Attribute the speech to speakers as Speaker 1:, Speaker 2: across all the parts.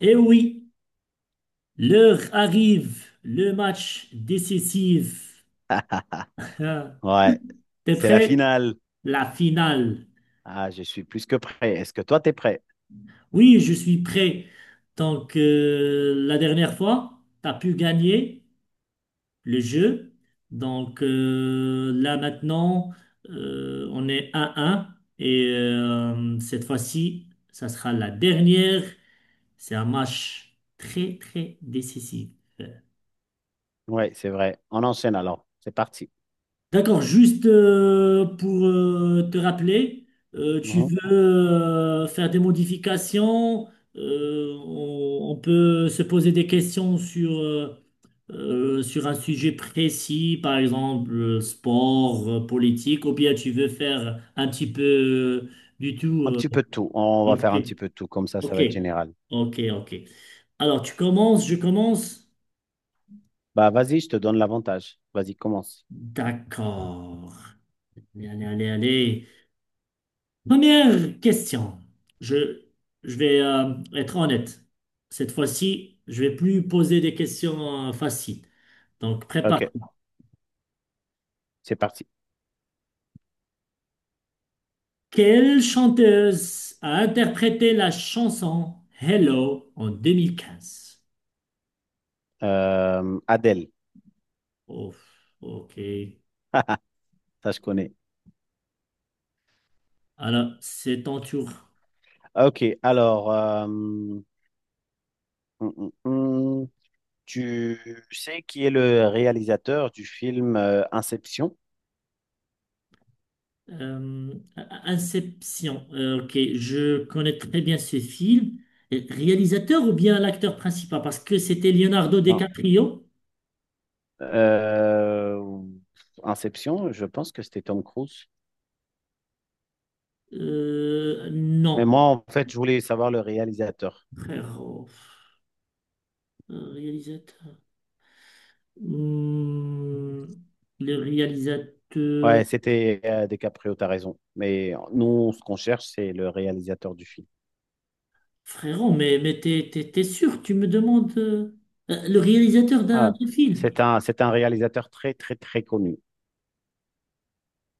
Speaker 1: Et oui, l'heure arrive, le match décisif. Ah,
Speaker 2: Ouais,
Speaker 1: t'es
Speaker 2: c'est la
Speaker 1: prêt?
Speaker 2: finale.
Speaker 1: La finale.
Speaker 2: Ah, je suis plus que prêt. Est-ce que toi, t'es prêt?
Speaker 1: Oui, je suis prêt. Donc, la dernière fois, t'as pu gagner le jeu. Donc, là maintenant, on est 1 un. Et cette fois-ci, ça sera la dernière. C'est un match très, très décisif.
Speaker 2: Ouais, c'est vrai. On enchaîne alors. C'est parti.
Speaker 1: D'accord, juste pour te rappeler, tu
Speaker 2: Mhm.
Speaker 1: veux faire des modifications, on peut se poser des questions sur, sur un sujet précis, par exemple sport, politique, ou bien tu veux faire un petit peu du tout.
Speaker 2: Un petit peu de tout. On va faire
Speaker 1: Ok,
Speaker 2: un petit peu de tout. Comme ça
Speaker 1: ok,
Speaker 2: va être général.
Speaker 1: ok, ok. Alors tu commences, je commence.
Speaker 2: Bah, vas-y, je te donne l'avantage. Vas-y, commence.
Speaker 1: D'accord. Allez, allez, allez. Première question. Je, je vais être honnête. Cette fois-ci, je vais plus poser des questions faciles. Donc,
Speaker 2: Ok,
Speaker 1: prépare-toi.
Speaker 2: c'est parti.
Speaker 1: Quelle chanteuse a interprété la chanson Hello en 2015?
Speaker 2: Adèle,
Speaker 1: Oh, ok.
Speaker 2: ça, je connais.
Speaker 1: Alors, c'est ton tour.
Speaker 2: Ok, alors, hum. Tu sais qui est le réalisateur du film Inception?
Speaker 1: Euh, Inception. Ok, je connais très bien ce film. Réalisateur ou bien l'acteur principal? Parce que c'était Leonardo
Speaker 2: Non.
Speaker 1: DiCaprio.
Speaker 2: Euh, Inception, je pense que c'était Tom Cruise. Mais
Speaker 1: Non,
Speaker 2: moi, en fait, je voulais savoir le réalisateur.
Speaker 1: frérot. Réalisateur. Hmm, le réalisateur.
Speaker 2: Ouais, c'était DiCaprio, t'as raison. Mais nous, ce qu'on cherche, c'est le réalisateur du film.
Speaker 1: Frérot, mais t'es sûr, tu me demandes le réalisateur d'un
Speaker 2: Ah,
Speaker 1: d'un film.
Speaker 2: c'est un réalisateur très, très, très connu.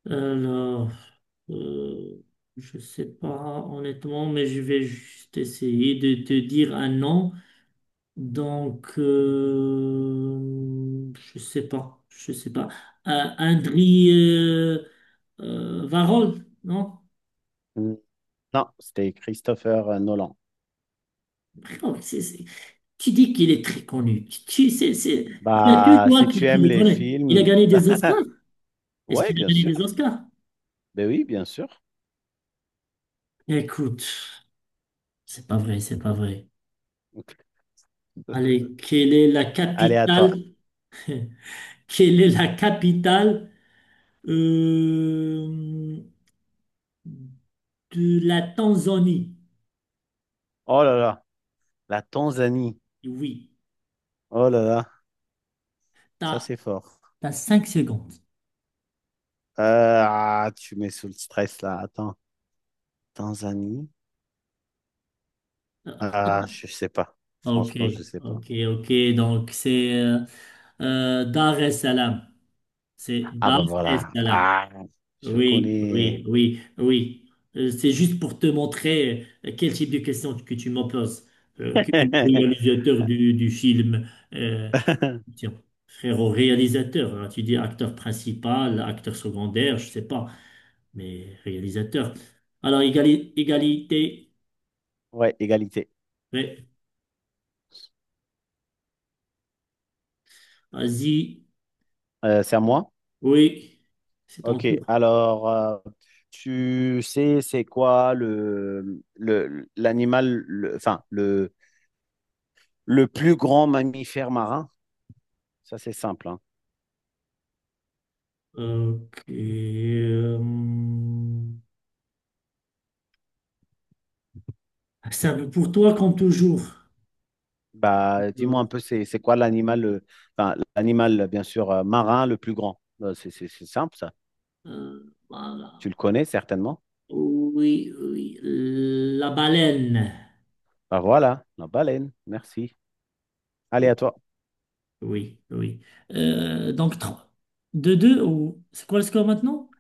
Speaker 1: Alors, euh, je sais pas honnêtement, mais je vais juste essayer de te dire un nom. Donc, je sais pas, je sais pas. Euh, Andriy Varol, non?
Speaker 2: Hmm, non, c'était Christopher Nolan.
Speaker 1: Frérot, tu dis qu'il est très connu. Il n'y a que
Speaker 2: Bah,
Speaker 1: toi
Speaker 2: si tu
Speaker 1: qui
Speaker 2: aimes
Speaker 1: le
Speaker 2: les
Speaker 1: connais. Il a
Speaker 2: films,
Speaker 1: gagné des Oscars. Est-ce
Speaker 2: ouais,
Speaker 1: qu'il a
Speaker 2: bien
Speaker 1: gagné
Speaker 2: sûr.
Speaker 1: des Oscars?
Speaker 2: Ben oui, bien sûr.
Speaker 1: Écoute, c'est pas vrai, c'est pas vrai. Allez, quelle est la
Speaker 2: Allez, à toi.
Speaker 1: capitale? Quelle est la capitale euh, de la Tanzanie?
Speaker 2: Oh là là, la Tanzanie.
Speaker 1: Oui.
Speaker 2: Oh là là, ça c'est fort.
Speaker 1: T'as 5 secondes.
Speaker 2: Euh, ah, tu mets sous le stress là. Attends, Tanzanie.
Speaker 1: Ah,
Speaker 2: Ah, je sais pas.
Speaker 1: ok,
Speaker 2: Franchement, je sais pas.
Speaker 1: ok, ok. Donc, c'est Dar es Salaam. C'est
Speaker 2: Ah
Speaker 1: Dar
Speaker 2: bah
Speaker 1: es
Speaker 2: voilà.
Speaker 1: Salaam.
Speaker 2: Ah, je
Speaker 1: Oui,
Speaker 2: connais.
Speaker 1: oui, oui, oui. C'est juste pour te montrer quel type de question que tu me poses. Que le réalisateur du film, euh, tiens, frérot, réalisateur, hein, tu dis acteur principal, acteur secondaire, je sais pas, mais réalisateur. Alors, égalité,
Speaker 2: Ouais, égalité.
Speaker 1: ouais, vas-y.
Speaker 2: C'est à moi?
Speaker 1: Oui, c'est ton
Speaker 2: Ok.
Speaker 1: tour.
Speaker 2: Alors, tu sais, c'est quoi le l'animal, enfin le plus grand mammifère marin? Ça, c'est simple, hein.
Speaker 1: Ok. euh, ça veut pour toi comme toujours.
Speaker 2: Bah, dis-moi
Speaker 1: Euh,
Speaker 2: un peu, c'est quoi l'animal, enfin l'animal bien sûr marin le plus grand? C'est simple ça.
Speaker 1: voilà.
Speaker 2: Tu le connais certainement.
Speaker 1: Oui, oui. La baleine.
Speaker 2: Bah voilà, la baleine. Merci. Allez, à toi.
Speaker 1: Oui, oui. Donc, deux deux, ou c'est quoi le score maintenant?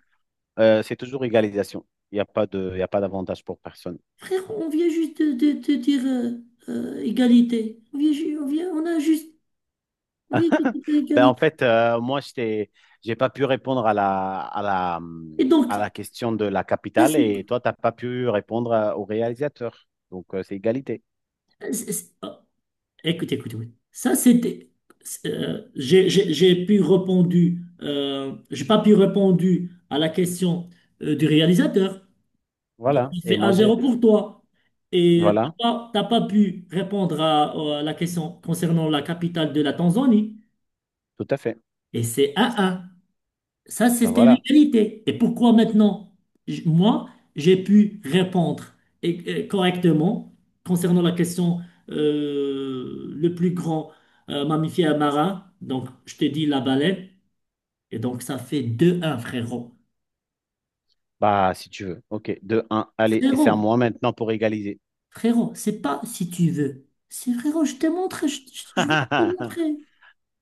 Speaker 2: C'est toujours égalisation. Il y a pas d'avantage pour personne.
Speaker 1: Frère, on vient juste de dire égalité. On a juste, on vient juste de dire
Speaker 2: Ben, en
Speaker 1: égalité.
Speaker 2: fait, moi, j'ai pas pu répondre
Speaker 1: Et donc,
Speaker 2: à la question de la
Speaker 1: là
Speaker 2: capitale et toi, tu n'as pas pu répondre au réalisateur. Donc, c'est égalité.
Speaker 1: c'est, écoute, écoute, écoute. Ça, c'était. J'ai pu répondre, j'ai pas pu répondre à la question du réalisateur. Donc,
Speaker 2: Voilà.
Speaker 1: il
Speaker 2: Et
Speaker 1: fait
Speaker 2: moi,
Speaker 1: 1
Speaker 2: j'ai.
Speaker 1: zéro pour toi. Et
Speaker 2: Voilà,
Speaker 1: t'as pas pu répondre à la question concernant la capitale de la Tanzanie.
Speaker 2: tout à fait.
Speaker 1: Et c'est 1 un. Ça,
Speaker 2: Ben,
Speaker 1: c'était
Speaker 2: voilà.
Speaker 1: l'égalité. Et pourquoi maintenant, moi, j'ai pu répondre et correctement concernant la question le plus grand mammifère marin, donc je te dis la baleine, et donc ça fait deux un frérot.
Speaker 2: Bah, si tu veux. OK, 2 un. Allez, et c'est à
Speaker 1: Frérot,
Speaker 2: moi maintenant pour égaliser.
Speaker 1: frérot, c'est pas si tu veux. C'est frérot, je te montre, je vais te montrer.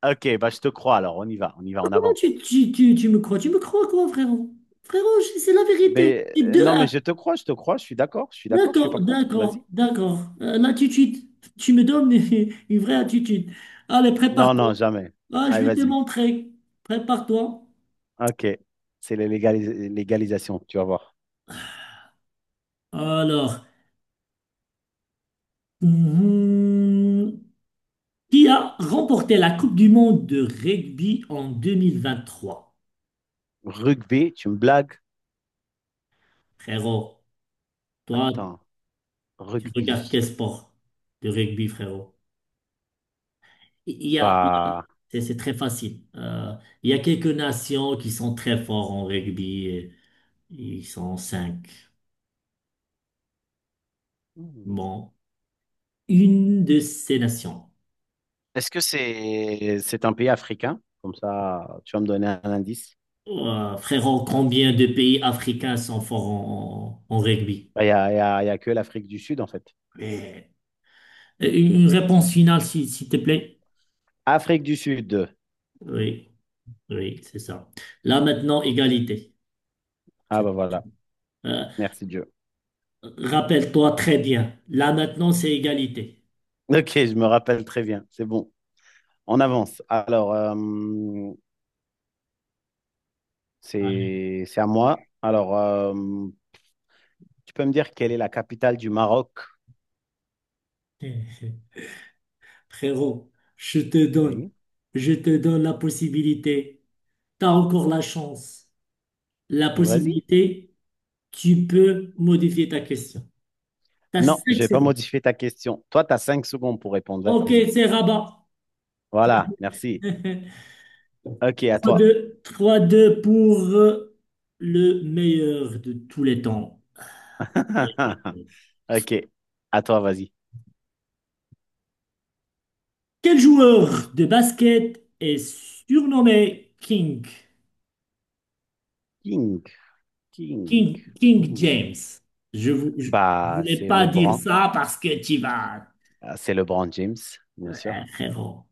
Speaker 2: OK, bah, je te crois. Alors, on y va. On y va, on
Speaker 1: Comment
Speaker 2: avance.
Speaker 1: tu me crois? Tu me crois quoi, frérot? Frérot, c'est la vérité.
Speaker 2: Mais
Speaker 1: C'est 2.
Speaker 2: non, mais je te crois, je te crois, je suis d'accord, je suis d'accord, je suis pas
Speaker 1: D'accord,
Speaker 2: contre. Vas-y.
Speaker 1: d'accord, d'accord. L'attitude, tu me donnes une vraie attitude. Allez,
Speaker 2: Non,
Speaker 1: prépare-toi.
Speaker 2: non, jamais.
Speaker 1: Ah, je
Speaker 2: Allez,
Speaker 1: vais te
Speaker 2: vas-y.
Speaker 1: montrer. Prépare-toi.
Speaker 2: OK. C'est la légalisation, tu vas voir.
Speaker 1: Alors, mhm, qui a remporté la Coupe du Monde de rugby en 2023?
Speaker 2: Rugby, tu me blagues?
Speaker 1: Frérot, toi,
Speaker 2: Attends,
Speaker 1: tu regardes
Speaker 2: rugby.
Speaker 1: quel sport de rugby, frérot? Il y a, il y a-
Speaker 2: Bah,
Speaker 1: c'est très facile. Il y a quelques nations qui sont très fortes en rugby. Et ils sont cinq.
Speaker 2: hmm.
Speaker 1: Bon. Une de ces nations.
Speaker 2: Est-ce que c'est un pays africain? Comme ça, tu vas me donner un indice.
Speaker 1: Oh, frérot, combien de pays africains sont forts en rugby?
Speaker 2: Bah, Il n'y a, il y a, il y a que l'Afrique du Sud, en fait.
Speaker 1: Mais- une réponse finale, s'il te plaît.
Speaker 2: Afrique du Sud.
Speaker 1: Oui, oui, c'est ça. Là maintenant, égalité.
Speaker 2: Ah,
Speaker 1: C'est-
Speaker 2: bah
Speaker 1: tout.
Speaker 2: voilà.
Speaker 1: Euh,
Speaker 2: Merci Dieu.
Speaker 1: rappelle-toi très bien. Là maintenant, c'est égalité.
Speaker 2: OK, je me rappelle très bien. C'est bon. On avance. Alors,
Speaker 1: Allez.
Speaker 2: c'est à moi. Alors, tu peux me dire quelle est la capitale du Maroc?
Speaker 1: Frérot, je te donne,
Speaker 2: Oui,
Speaker 1: je te donne la possibilité. T'as encore la chance. La
Speaker 2: mais vas-y.
Speaker 1: possibilité, tu peux modifier ta question. T'as
Speaker 2: Non, je
Speaker 1: 5
Speaker 2: vais pas
Speaker 1: secondes.
Speaker 2: modifier ta question. Toi, tu as 5 secondes pour répondre.
Speaker 1: Ok,
Speaker 2: Vas-y.
Speaker 1: c'est Rabat.
Speaker 2: Voilà, merci. OK, à
Speaker 1: Trois
Speaker 2: toi.
Speaker 1: deux, trois deux pour le meilleur de tous les temps.
Speaker 2: OK, à toi, vas-y.
Speaker 1: Quel joueur de basket est surnommé King?
Speaker 2: King, King.
Speaker 1: King, King
Speaker 2: Hmm.
Speaker 1: James. Je vous, je, je
Speaker 2: Bah,
Speaker 1: voulais
Speaker 2: c'est
Speaker 1: pas dire
Speaker 2: LeBron.
Speaker 1: ça parce que tu vas,
Speaker 2: Ah, c'est LeBron James, bien sûr.
Speaker 1: frérot.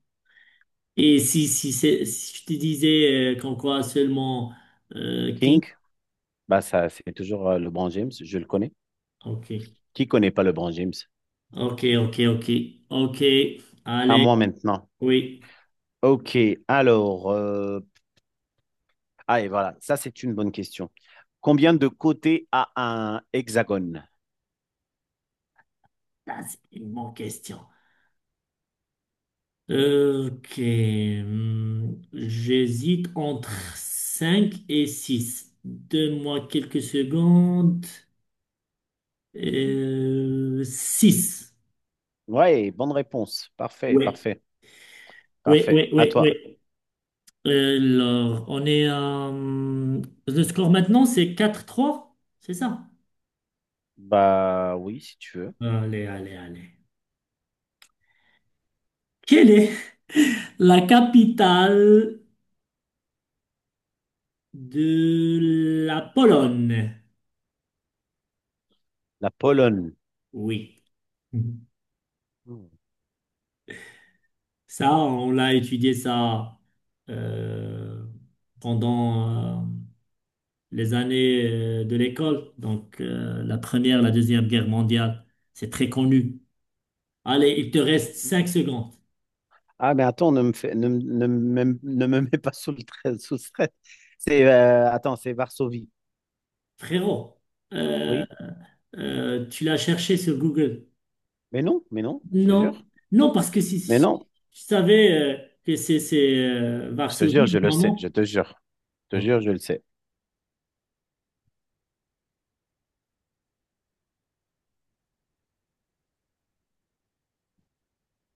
Speaker 1: Et si je te disais qu'en quoi seulement King?
Speaker 2: King, bah, ça, c'est toujours LeBron James. Je le connais.
Speaker 1: Ok,
Speaker 2: Qui connaît pas LeBron James?
Speaker 1: ok, ok, ok, ok.
Speaker 2: À
Speaker 1: Allez,
Speaker 2: moi maintenant.
Speaker 1: oui.
Speaker 2: OK, alors, ah, et voilà, ça, c'est une bonne question. Combien de côtés a un hexagone?
Speaker 1: Ça, c'est une bonne question. Ok. Hmm, j'hésite entre 5 et 6. Donne-moi quelques secondes. 6.
Speaker 2: Ouais, bonne réponse. Parfait,
Speaker 1: Ouais.
Speaker 2: parfait,
Speaker 1: Ouais,
Speaker 2: parfait.
Speaker 1: ouais,
Speaker 2: À
Speaker 1: ouais,
Speaker 2: toi.
Speaker 1: ouais. Alors, on est à... hmm, le score maintenant, c'est quatre trois, c'est ça?
Speaker 2: Bah oui, si tu veux.
Speaker 1: Allez, allez, allez. Quelle est la capitale de la Pologne?
Speaker 2: La Pologne.
Speaker 1: Oui.
Speaker 2: Hmm.
Speaker 1: Ça, on l'a étudié ça euh, pendant les années de l'école, donc la Première, la Deuxième Guerre mondiale, c'est très connu. Allez, il te reste cinq secondes.
Speaker 2: Ah, mais attends, ne me mets pas sous le stress. C'est, attends, c'est Varsovie.
Speaker 1: Frérot, euh,
Speaker 2: Oui,
Speaker 1: tu l'as cherché sur Google?
Speaker 2: mais non, je te
Speaker 1: Non,
Speaker 2: jure.
Speaker 1: non, parce que
Speaker 2: Mais
Speaker 1: si
Speaker 2: non,
Speaker 1: tu savais que c'est,
Speaker 2: je te jure,
Speaker 1: Varsovie,
Speaker 2: je le sais, je
Speaker 1: maman.
Speaker 2: te jure. Je te jure, je le sais.